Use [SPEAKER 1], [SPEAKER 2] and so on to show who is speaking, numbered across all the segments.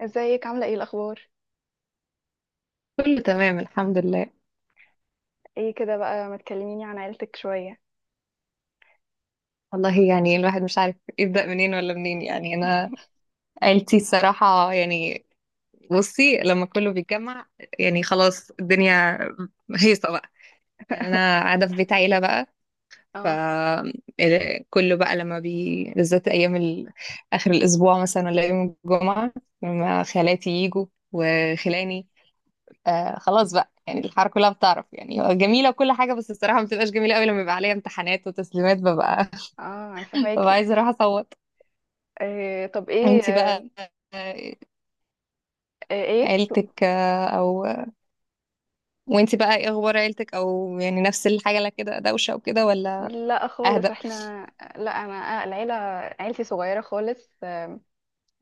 [SPEAKER 1] ازيك، عاملة ايه الأخبار؟
[SPEAKER 2] كله تمام الحمد لله.
[SPEAKER 1] ايه كده بقى، ما تكلميني عن عيلتك شوية.
[SPEAKER 2] والله يعني الواحد مش عارف يبدأ منين ولا منين. يعني أنا عيلتي الصراحة يعني بصي لما كله بيتجمع يعني خلاص الدنيا هيصة بقى. يعني أنا قاعدة في بيت عيلة بقى. ف
[SPEAKER 1] اه
[SPEAKER 2] كله بقى لما بالذات أيام آخر الأسبوع مثلا ولا يوم الجمعة، لما خالاتي يجوا وخلاني. آه خلاص بقى، يعني الحاره كلها بتعرف، يعني جميلة وكل حاجة، بس الصراحة ما بتبقاش جميلة قوي لما يبقى عليا امتحانات وتسليمات ببقى
[SPEAKER 1] اه، انا
[SPEAKER 2] ببقى
[SPEAKER 1] فهماكي.
[SPEAKER 2] عايزة اروح اصوت.
[SPEAKER 1] إيه، طب ايه
[SPEAKER 2] انتي بقى آه،
[SPEAKER 1] ايه.
[SPEAKER 2] عيلتك آه، او وانتي بقى ايه اخبار عيلتك؟ او يعني نفس الحاجة؟ لا كده دوشة وكده ولا
[SPEAKER 1] لا
[SPEAKER 2] اهدى؟
[SPEAKER 1] خالص احنا، لا انا العيلة، عيلتي صغيرة خالص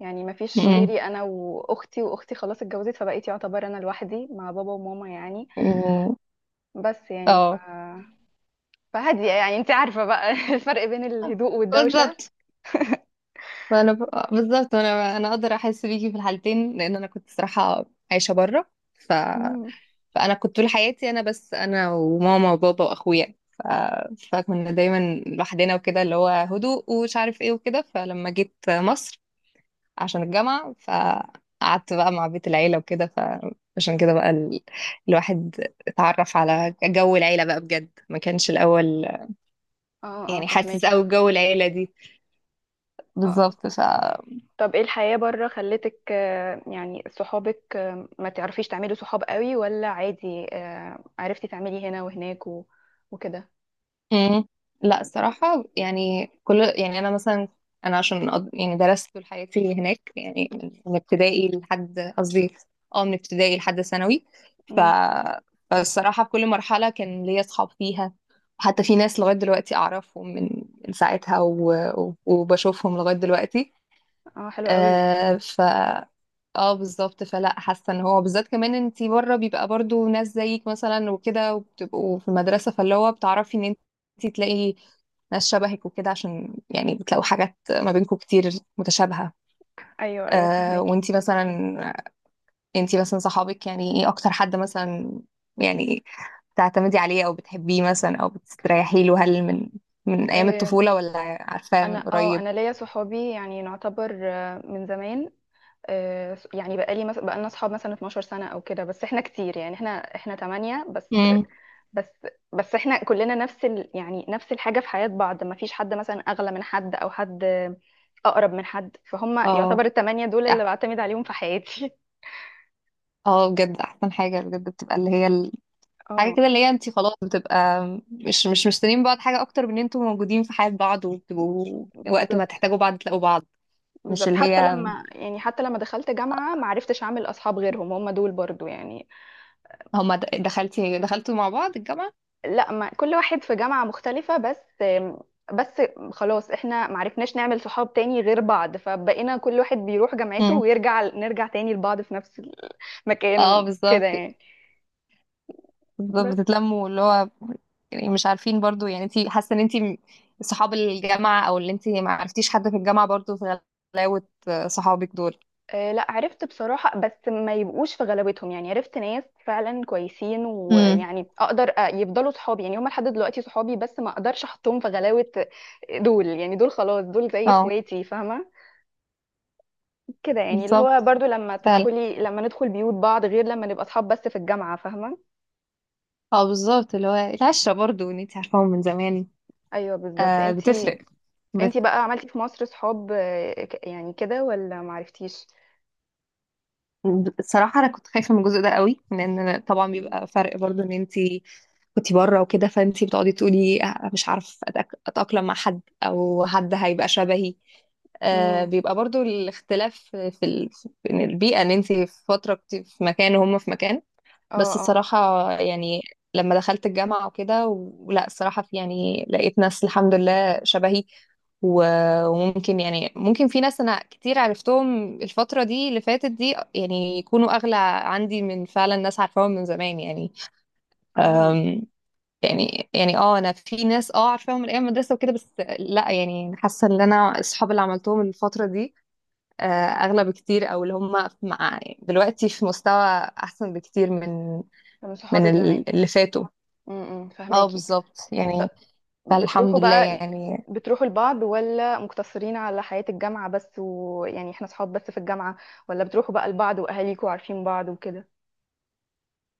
[SPEAKER 1] يعني ما فيش
[SPEAKER 2] مم.
[SPEAKER 1] غيري انا واختي، واختي خلاص اتجوزت، فبقيت يعتبر انا لوحدي مع بابا وماما يعني.
[SPEAKER 2] مم.
[SPEAKER 1] بس يعني
[SPEAKER 2] اه
[SPEAKER 1] فهادية، يعني انت عارفة بقى الفرق بين الهدوء والدوشة.
[SPEAKER 2] بالظبط. بالظبط انا اقدر احس بيكي في الحالتين، لان انا كنت صراحة عايشة بره.
[SPEAKER 1] مم.
[SPEAKER 2] فانا كنت طول حياتي انا بس انا وماما وبابا واخويا. فكنا دايما لوحدنا وكده، اللي هو هدوء ومش عارف ايه وكده، فلما جيت مصر عشان الجامعة فقعدت بقى مع بيت العيلة وكده، فعشان كده بقى الواحد اتعرف على جو العيلة بقى بجد، ما كانش الأول
[SPEAKER 1] اه اه
[SPEAKER 2] يعني حاسس
[SPEAKER 1] فهماكي.
[SPEAKER 2] أوي بجو العيلة دي.
[SPEAKER 1] اه،
[SPEAKER 2] بالظبط.
[SPEAKER 1] طب ايه الحياة بره خلتك يعني صحابك ما تعرفيش تعملي صحاب قوي ولا عادي؟ عرفتي تعملي هنا وهناك وكده.
[SPEAKER 2] مم. لا الصراحة يعني كل يعني أنا مثلا أنا عشان يعني درست طول حياتي هناك، يعني من ابتدائي لحد قصدي اه من ابتدائي لحد ثانوي ف...
[SPEAKER 1] امم.
[SPEAKER 2] فالصراحة في كل مرحلة كان ليا أصحاب فيها، حتى في ناس لغاية دلوقتي أعرفهم من ساعتها وبشوفهم لغاية دلوقتي.
[SPEAKER 1] اه حلو قوي.
[SPEAKER 2] آه، اه بالظبط. فلا حاسه ان هو بالذات كمان انتي بره بيبقى برضو ناس زيك مثلا وكده، وبتبقوا في المدرسه، فاللي هو بتعرفي ان انتي تلاقي ناس شبهك وكده، عشان يعني بتلاقوا حاجات ما بينكم كتير متشابهه.
[SPEAKER 1] ايوه ايوه
[SPEAKER 2] آه،
[SPEAKER 1] فهماكي.
[SPEAKER 2] وانتي مثلا انتي مثلا صحابك يعني ايه؟ اكتر حد مثلا يعني بتعتمدي عليه او بتحبيه مثلا او بتستريحي له، هل من من ايام
[SPEAKER 1] آه،
[SPEAKER 2] الطفوله ولا عارفاه من
[SPEAKER 1] انا
[SPEAKER 2] قريب؟
[SPEAKER 1] انا ليا صحابي يعني نعتبر من زمان، يعني بقالي مثلا بقالنا صحاب مثلا 12 سنة او كده، بس احنا كتير يعني احنا تمانية بس.
[SPEAKER 2] امم،
[SPEAKER 1] بس بس احنا كلنا نفس يعني نفس الحاجة في حياة بعض، ما فيش حد مثلا أغلى من حد أو حد أقرب من حد، فهم
[SPEAKER 2] اه.
[SPEAKER 1] يعتبر التمانية دول
[SPEAKER 2] أح-
[SPEAKER 1] اللي بعتمد عليهم في حياتي.
[SPEAKER 2] اه بجد احسن حاجه بجد بتبقى اللي هي حاجة
[SPEAKER 1] اه
[SPEAKER 2] كده، اللي هي انتي خلاص بتبقى مش مستنيين بعض حاجة أكتر من ان انتوا موجودين في حياة بعض، وبتبقوا وقت ما
[SPEAKER 1] بالظبط.
[SPEAKER 2] تحتاجوا بعض تلاقوا بعض. مش
[SPEAKER 1] بالظبط
[SPEAKER 2] اللي
[SPEAKER 1] حتى
[SPEAKER 2] هي
[SPEAKER 1] لما يعني حتى لما دخلت جامعة ما عرفتش أعمل أصحاب غيرهم، هم دول برضو يعني.
[SPEAKER 2] هما دخلتي دخلتوا مع بعض الجامعة؟
[SPEAKER 1] لا، ما كل واحد في جامعة مختلفة، بس خلاص احنا ما عرفناش نعمل صحاب تاني غير بعض، فبقينا كل واحد بيروح جامعته
[SPEAKER 2] مم.
[SPEAKER 1] ويرجع، نرجع تاني لبعض في نفس
[SPEAKER 2] اه
[SPEAKER 1] المكان كده
[SPEAKER 2] بالظبط.
[SPEAKER 1] يعني.
[SPEAKER 2] بالظبط، بتتلموا اللي هو يعني مش عارفين برضو. يعني انتي حاسة ان انتي صحاب الجامعة، او اللي انتي ما عرفتيش حد في الجامعة برضو في غلاوة صحابك دول؟
[SPEAKER 1] لا عرفت بصراحة، بس ما يبقوش في غلاوتهم، يعني عرفت ناس فعلا كويسين
[SPEAKER 2] مم.
[SPEAKER 1] ويعني اقدر يفضلوا صحابي، يعني هم لحد دلوقتي صحابي بس ما اقدرش احطهم في غلاوة، دول يعني دول خلاص، دول زي
[SPEAKER 2] اه
[SPEAKER 1] اخواتي فاهمة كده يعني، اللي هو
[SPEAKER 2] بالظبط
[SPEAKER 1] برضو لما
[SPEAKER 2] فعلا.
[SPEAKER 1] تدخلي، لما ندخل بيوت بعض غير لما نبقى صحاب بس في الجامعة، فاهمة.
[SPEAKER 2] اه بالظبط، اللي هو العشرة برضو ان انتي عارفاهم من زمان.
[SPEAKER 1] ايوه بالظبط.
[SPEAKER 2] آه
[SPEAKER 1] انتي
[SPEAKER 2] بتفرق. بس
[SPEAKER 1] انتي بقى عملتي في مصر صحاب يعني كده، ولا ما عرفتيش؟
[SPEAKER 2] الصراحة أنا كنت خايفة من الجزء ده قوي، لأن أنا طبعا بيبقى فرق برضو إن أنتي كنتي بره وكده، فأنتي بتقعدي تقولي آه، مش عارف أتأقلم مع حد، أو حد هيبقى شبهي. آه،
[SPEAKER 1] امم.
[SPEAKER 2] بيبقى برضو الاختلاف في في إن البيئة، إن أنتي في فترة كنتي في مكان وهم في مكان.
[SPEAKER 1] اه
[SPEAKER 2] بس
[SPEAKER 1] اه.
[SPEAKER 2] الصراحة يعني لما دخلت الجامعة وكده ولا الصراحة في يعني لقيت ناس الحمد لله شبهي، وممكن يعني ممكن في ناس أنا كتير عرفتهم الفترة دي اللي فاتت دي، يعني يكونوا أغلى عندي من فعلا ناس عارفاهم من زمان يعني.
[SPEAKER 1] اه،
[SPEAKER 2] أم، يعني اه انا في ناس اه عارفاهم من ايام المدرسه وكده، بس لا يعني حاسه ان انا الصحاب اللي عملتهم الفتره دي آه، اغلى بكتير، او اللي هم مع دلوقتي في مستوى احسن بكتير من
[SPEAKER 1] من صحاب
[SPEAKER 2] من
[SPEAKER 1] الزمان.
[SPEAKER 2] ال- اللي فاتوا. اه
[SPEAKER 1] فهماكي.
[SPEAKER 2] بالظبط يعني. فالحمد
[SPEAKER 1] بتروحوا
[SPEAKER 2] لله
[SPEAKER 1] بقى يعني،
[SPEAKER 2] يعني.
[SPEAKER 1] بتروحوا لبعض ولا مقتصرين على حياة الجامعة بس، ويعني احنا صحاب بس في الجامعة، ولا بتروحوا بقى لبعض وأهاليكوا عارفين بعض وكده؟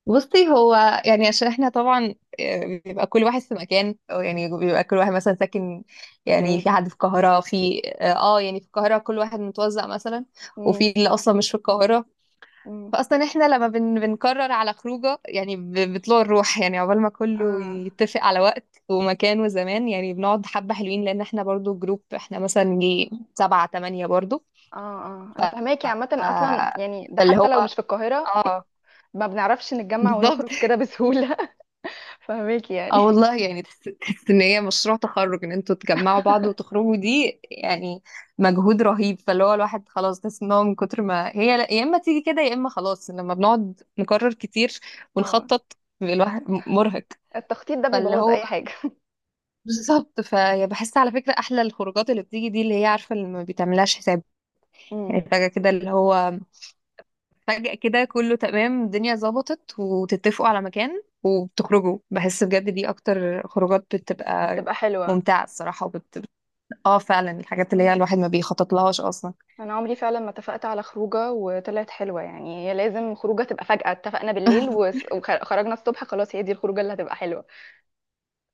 [SPEAKER 2] بصي هو يعني عشان احنا طبعا آه، بيبقى كل واحد في مكان، أو يعني بيبقى كل واحد مثلا ساكن، يعني في
[SPEAKER 1] بعيد.
[SPEAKER 2] حد في القاهرة، في اه آه، يعني في القاهرة كل واحد متوزع مثلا،
[SPEAKER 1] امم.
[SPEAKER 2] وفي اللي اصلا مش في القاهرة.
[SPEAKER 1] امم.
[SPEAKER 2] فاصلا احنا لما بنقرر على خروجه يعني بطلوع الروح، يعني عقبال ما كله
[SPEAKER 1] اه
[SPEAKER 2] يتفق على وقت ومكان وزمان، يعني بنقعد حبة حلوين، لان احنا برضو جروب، احنا مثلا جي سبعة تمانية برضو.
[SPEAKER 1] اه اه،
[SPEAKER 2] ف
[SPEAKER 1] انا فهماكي. عامة اصلا
[SPEAKER 2] آه،
[SPEAKER 1] يعني ده
[SPEAKER 2] فاللي هو
[SPEAKER 1] حتى لو مش في القاهرة
[SPEAKER 2] اه
[SPEAKER 1] ما بنعرفش نتجمع
[SPEAKER 2] بالظبط.
[SPEAKER 1] ونخرج كده بسهولة. فهماكي
[SPEAKER 2] اه
[SPEAKER 1] يعني.
[SPEAKER 2] والله يعني، تحس ان هي مشروع تخرج ان انتوا تجمعوا بعض وتخرجوا دي، يعني مجهود رهيب، فاللي هو الواحد خلاص تحس ان هو من كتر ما هي يا اما تيجي كده يا اما خلاص، لما بنقعد نكرر كتير
[SPEAKER 1] اه،
[SPEAKER 2] ونخطط الواحد مرهق.
[SPEAKER 1] التخطيط ده
[SPEAKER 2] فاللي
[SPEAKER 1] بيبوظ
[SPEAKER 2] هو
[SPEAKER 1] اي حاجة.
[SPEAKER 2] بالظبط، فبحس على فكرة احلى الخروجات اللي بتيجي دي، اللي هي عارفة اللي ما بتعملهاش حساب،
[SPEAKER 1] امم.
[SPEAKER 2] يعني فجأة كده اللي هو فجأة كده كله تمام، الدنيا ظبطت وتتفقوا على مكان وبتخرجوا، بحس بجد دي أكتر خروجات بتبقى
[SPEAKER 1] بتبقى حلوة.
[SPEAKER 2] ممتعة الصراحة اه فعلا الحاجات اللي هي الواحد ما بيخطط لهاش أصلا.
[SPEAKER 1] انا عمري فعلا ما اتفقت على خروجه وطلعت حلوه، يعني هي لازم خروجه تبقى فجاه، اتفقنا بالليل وخرجنا الصبح، خلاص هي دي الخروجه اللي هتبقى حلوه.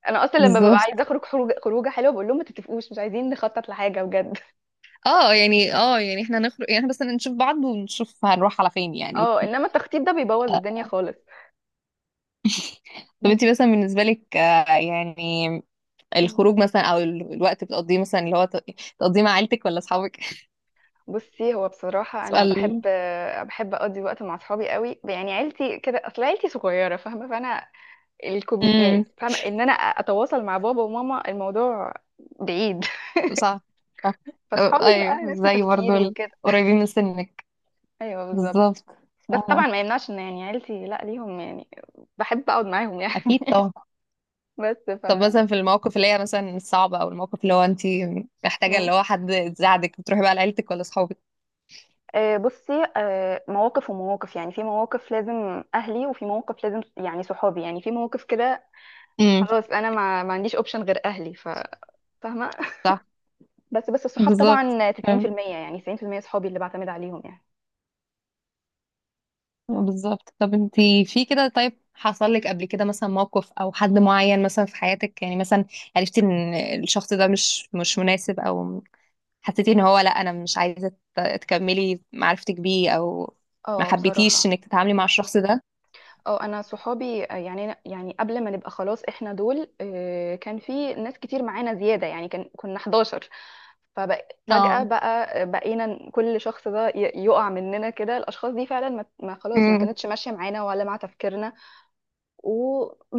[SPEAKER 1] انا اصلا لما ببقى
[SPEAKER 2] بالظبط.
[SPEAKER 1] عايزه اخرج خروجه، خروجه حلوه بقول لهم ما تتفقوش، مش عايزين نخطط لحاجه بجد.
[SPEAKER 2] اه يعني اه يعني احنا هنخرج، يعني احنا بس نشوف بعض ونشوف هنروح على فين يعني.
[SPEAKER 1] اه، انما التخطيط ده بيبوظ الدنيا
[SPEAKER 2] آه،
[SPEAKER 1] خالص.
[SPEAKER 2] طب انت مثلا بالنسبة لك آه، يعني
[SPEAKER 1] مم.
[SPEAKER 2] الخروج مثلا او الوقت بتقضيه مثلا اللي هو تقضيه مع عيلتك ولا اصحابك؟
[SPEAKER 1] بصي هو بصراحة أنا
[SPEAKER 2] سؤال.
[SPEAKER 1] بحب أقضي وقت مع أصحابي قوي، يعني عيلتي كده، أصل عيلتي صغيرة فاهمة، فأنا يعني فاهمة إن أنا أتواصل مع بابا وماما، الموضوع بعيد.
[SPEAKER 2] صح صح. أه،
[SPEAKER 1] فأصحابي
[SPEAKER 2] ايوه
[SPEAKER 1] بقى نفس
[SPEAKER 2] زي برضو
[SPEAKER 1] تفكيري وكده.
[SPEAKER 2] قريبين من سنك.
[SPEAKER 1] ايوه بالظبط.
[SPEAKER 2] بالظبط.
[SPEAKER 1] بس
[SPEAKER 2] آه.
[SPEAKER 1] طبعا ما يمنعش ان يعني عيلتي، لا ليهم يعني بحب اقعد معاهم يعني.
[SPEAKER 2] اكيد طبعا.
[SPEAKER 1] بس
[SPEAKER 2] طب مثلا في المواقف اللي هي مثلا الصعبة، او الموقف اللي هو انت محتاجة
[SPEAKER 1] مم.
[SPEAKER 2] اللي هو حد يساعدك، بتروحي بقى لعيلتك ولا اصحابك؟
[SPEAKER 1] بصي مواقف ومواقف، يعني في مواقف لازم اهلي وفي مواقف لازم يعني صحابي، يعني في مواقف كده
[SPEAKER 2] امم،
[SPEAKER 1] خلاص انا ما عنديش اوبشن غير اهلي، فاهمه.
[SPEAKER 2] صح.
[SPEAKER 1] بس الصحاب
[SPEAKER 2] بالظبط.
[SPEAKER 1] طبعا
[SPEAKER 2] أم،
[SPEAKER 1] 90% يعني 90% صحابي اللي بعتمد عليهم يعني.
[SPEAKER 2] بالظبط. طب انت في كده، طيب حصل لك قبل كده مثلا موقف او حد معين مثلا في حياتك، يعني مثلا عرفتي ان الشخص ده مش مناسب، او حسيتي ان هو لا انا مش عايزه تكملي معرفتك بيه، او ما
[SPEAKER 1] اه
[SPEAKER 2] حبيتيش
[SPEAKER 1] بصراحة.
[SPEAKER 2] انك تتعاملي مع الشخص ده؟
[SPEAKER 1] اه انا صحابي يعني قبل ما نبقى خلاص احنا دول كان في ناس كتير معانا زيادة، يعني كان كنا 11، ففجأة
[SPEAKER 2] اه،
[SPEAKER 1] بقى بقينا كل شخص ده يقع مننا كده، الأشخاص دي فعلا ما خلاص ما
[SPEAKER 2] امم،
[SPEAKER 1] كانتش ماشية معانا ولا مع تفكيرنا،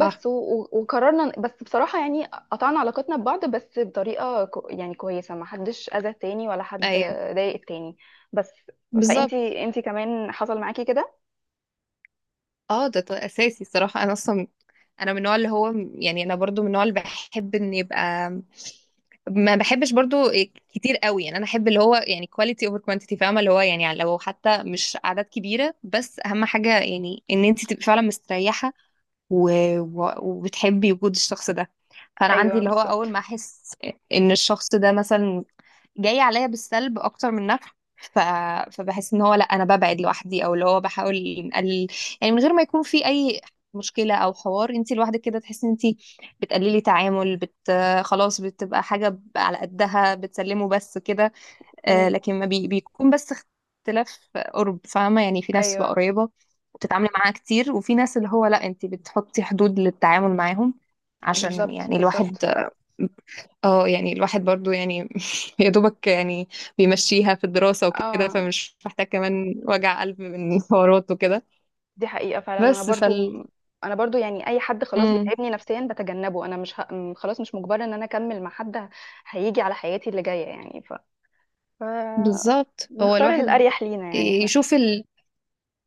[SPEAKER 2] صح،
[SPEAKER 1] وقررنا، بس بصراحة يعني قطعنا علاقتنا ببعض بس بطريقة يعني كويسة، ما حدش أذى التاني ولا حد
[SPEAKER 2] ايوه
[SPEAKER 1] ضايق التاني، بس.
[SPEAKER 2] بالظبط.
[SPEAKER 1] فأنتي أنتي كمان حصل معاكي كده؟
[SPEAKER 2] اه ده اساسي الصراحه. انا اصلا انا من النوع اللي هو يعني انا برضو من النوع اللي بحب ان يبقى ما بحبش برضو إيه، كتير قوي، يعني انا احب اللي هو يعني كواليتي اوفر كوانتيتي، فاهمه اللي هو يعني لو حتى مش اعداد كبيره، بس اهم حاجه يعني ان انت تبقي فعلا مستريحه و... وبتحبي وجود الشخص ده. فانا عندي
[SPEAKER 1] أيوه
[SPEAKER 2] اللي هو اول
[SPEAKER 1] بالظبط.
[SPEAKER 2] ما احس ان الشخص ده مثلا جاي عليا بالسلب اكتر من نفع ف... فبحس ان هو لا انا ببعد لوحدي، او اللي هو بحاول نقلل يعني من غير ما يكون في اي مشكله او حوار، انت لوحدك كده تحسي ان انت بتقللي تعامل خلاص بتبقى حاجه على قدها، بتسلمه بس كده. آه،
[SPEAKER 1] مم.
[SPEAKER 2] لكن ما بيكون بس اختلاف قرب، فاهمة يعني؟ في ناس تبقى
[SPEAKER 1] أيوه
[SPEAKER 2] قريبة وتتعاملي معاها كتير، وفي ناس اللي هو لا انت بتحطي حدود للتعامل معاهم، عشان
[SPEAKER 1] بالظبط
[SPEAKER 2] يعني
[SPEAKER 1] بالظبط.
[SPEAKER 2] الواحد اه يعني الواحد برضو يعني يا دوبك يعني بيمشيها في الدراسة وكده،
[SPEAKER 1] اه
[SPEAKER 2] فمش محتاج كمان وجع قلب من حوارات وكده.
[SPEAKER 1] دي حقيقة فعلا، انا
[SPEAKER 2] بس
[SPEAKER 1] برضو،
[SPEAKER 2] فال
[SPEAKER 1] انا برضو يعني اي حد خلاص
[SPEAKER 2] مم،
[SPEAKER 1] بيتعبني نفسيا بتجنبه، انا مش ه... خلاص مش مجبرة ان انا اكمل مع حد هيجي على حياتي اللي جاية يعني ف...
[SPEAKER 2] بالظبط. هو
[SPEAKER 1] بنختار
[SPEAKER 2] الواحد
[SPEAKER 1] الاريح لينا يعني احنا.
[SPEAKER 2] يشوف،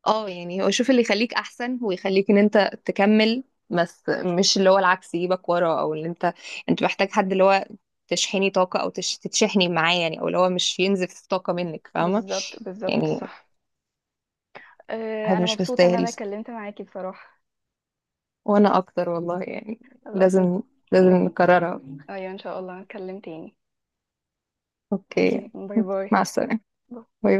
[SPEAKER 2] اه يعني هو شوف اللي يخليك احسن ويخليك ان انت تكمل بس، مش اللي هو العكس يجيبك ورا. او اللي انت انت محتاج حد اللي هو تشحني طاقة او تتشحني معاه يعني، او اللي هو مش ينزف طاقة منك، فاهمة
[SPEAKER 1] بالظبط بالظبط
[SPEAKER 2] يعني؟
[SPEAKER 1] صح. أه،
[SPEAKER 2] واحد
[SPEAKER 1] انا
[SPEAKER 2] مش
[SPEAKER 1] مبسوطة ان
[SPEAKER 2] مستاهل.
[SPEAKER 1] انا اتكلمت معاكي بصراحة.
[SPEAKER 2] وانا اكتر والله يعني،
[SPEAKER 1] خلاص
[SPEAKER 2] لازم لازم
[SPEAKER 1] نك...
[SPEAKER 2] نكررها.
[SPEAKER 1] ايوه ان شاء الله نتكلم تاني.
[SPEAKER 2] اوكي،
[SPEAKER 1] اوكي، باي باي.
[SPEAKER 2] مع السلامة، باي.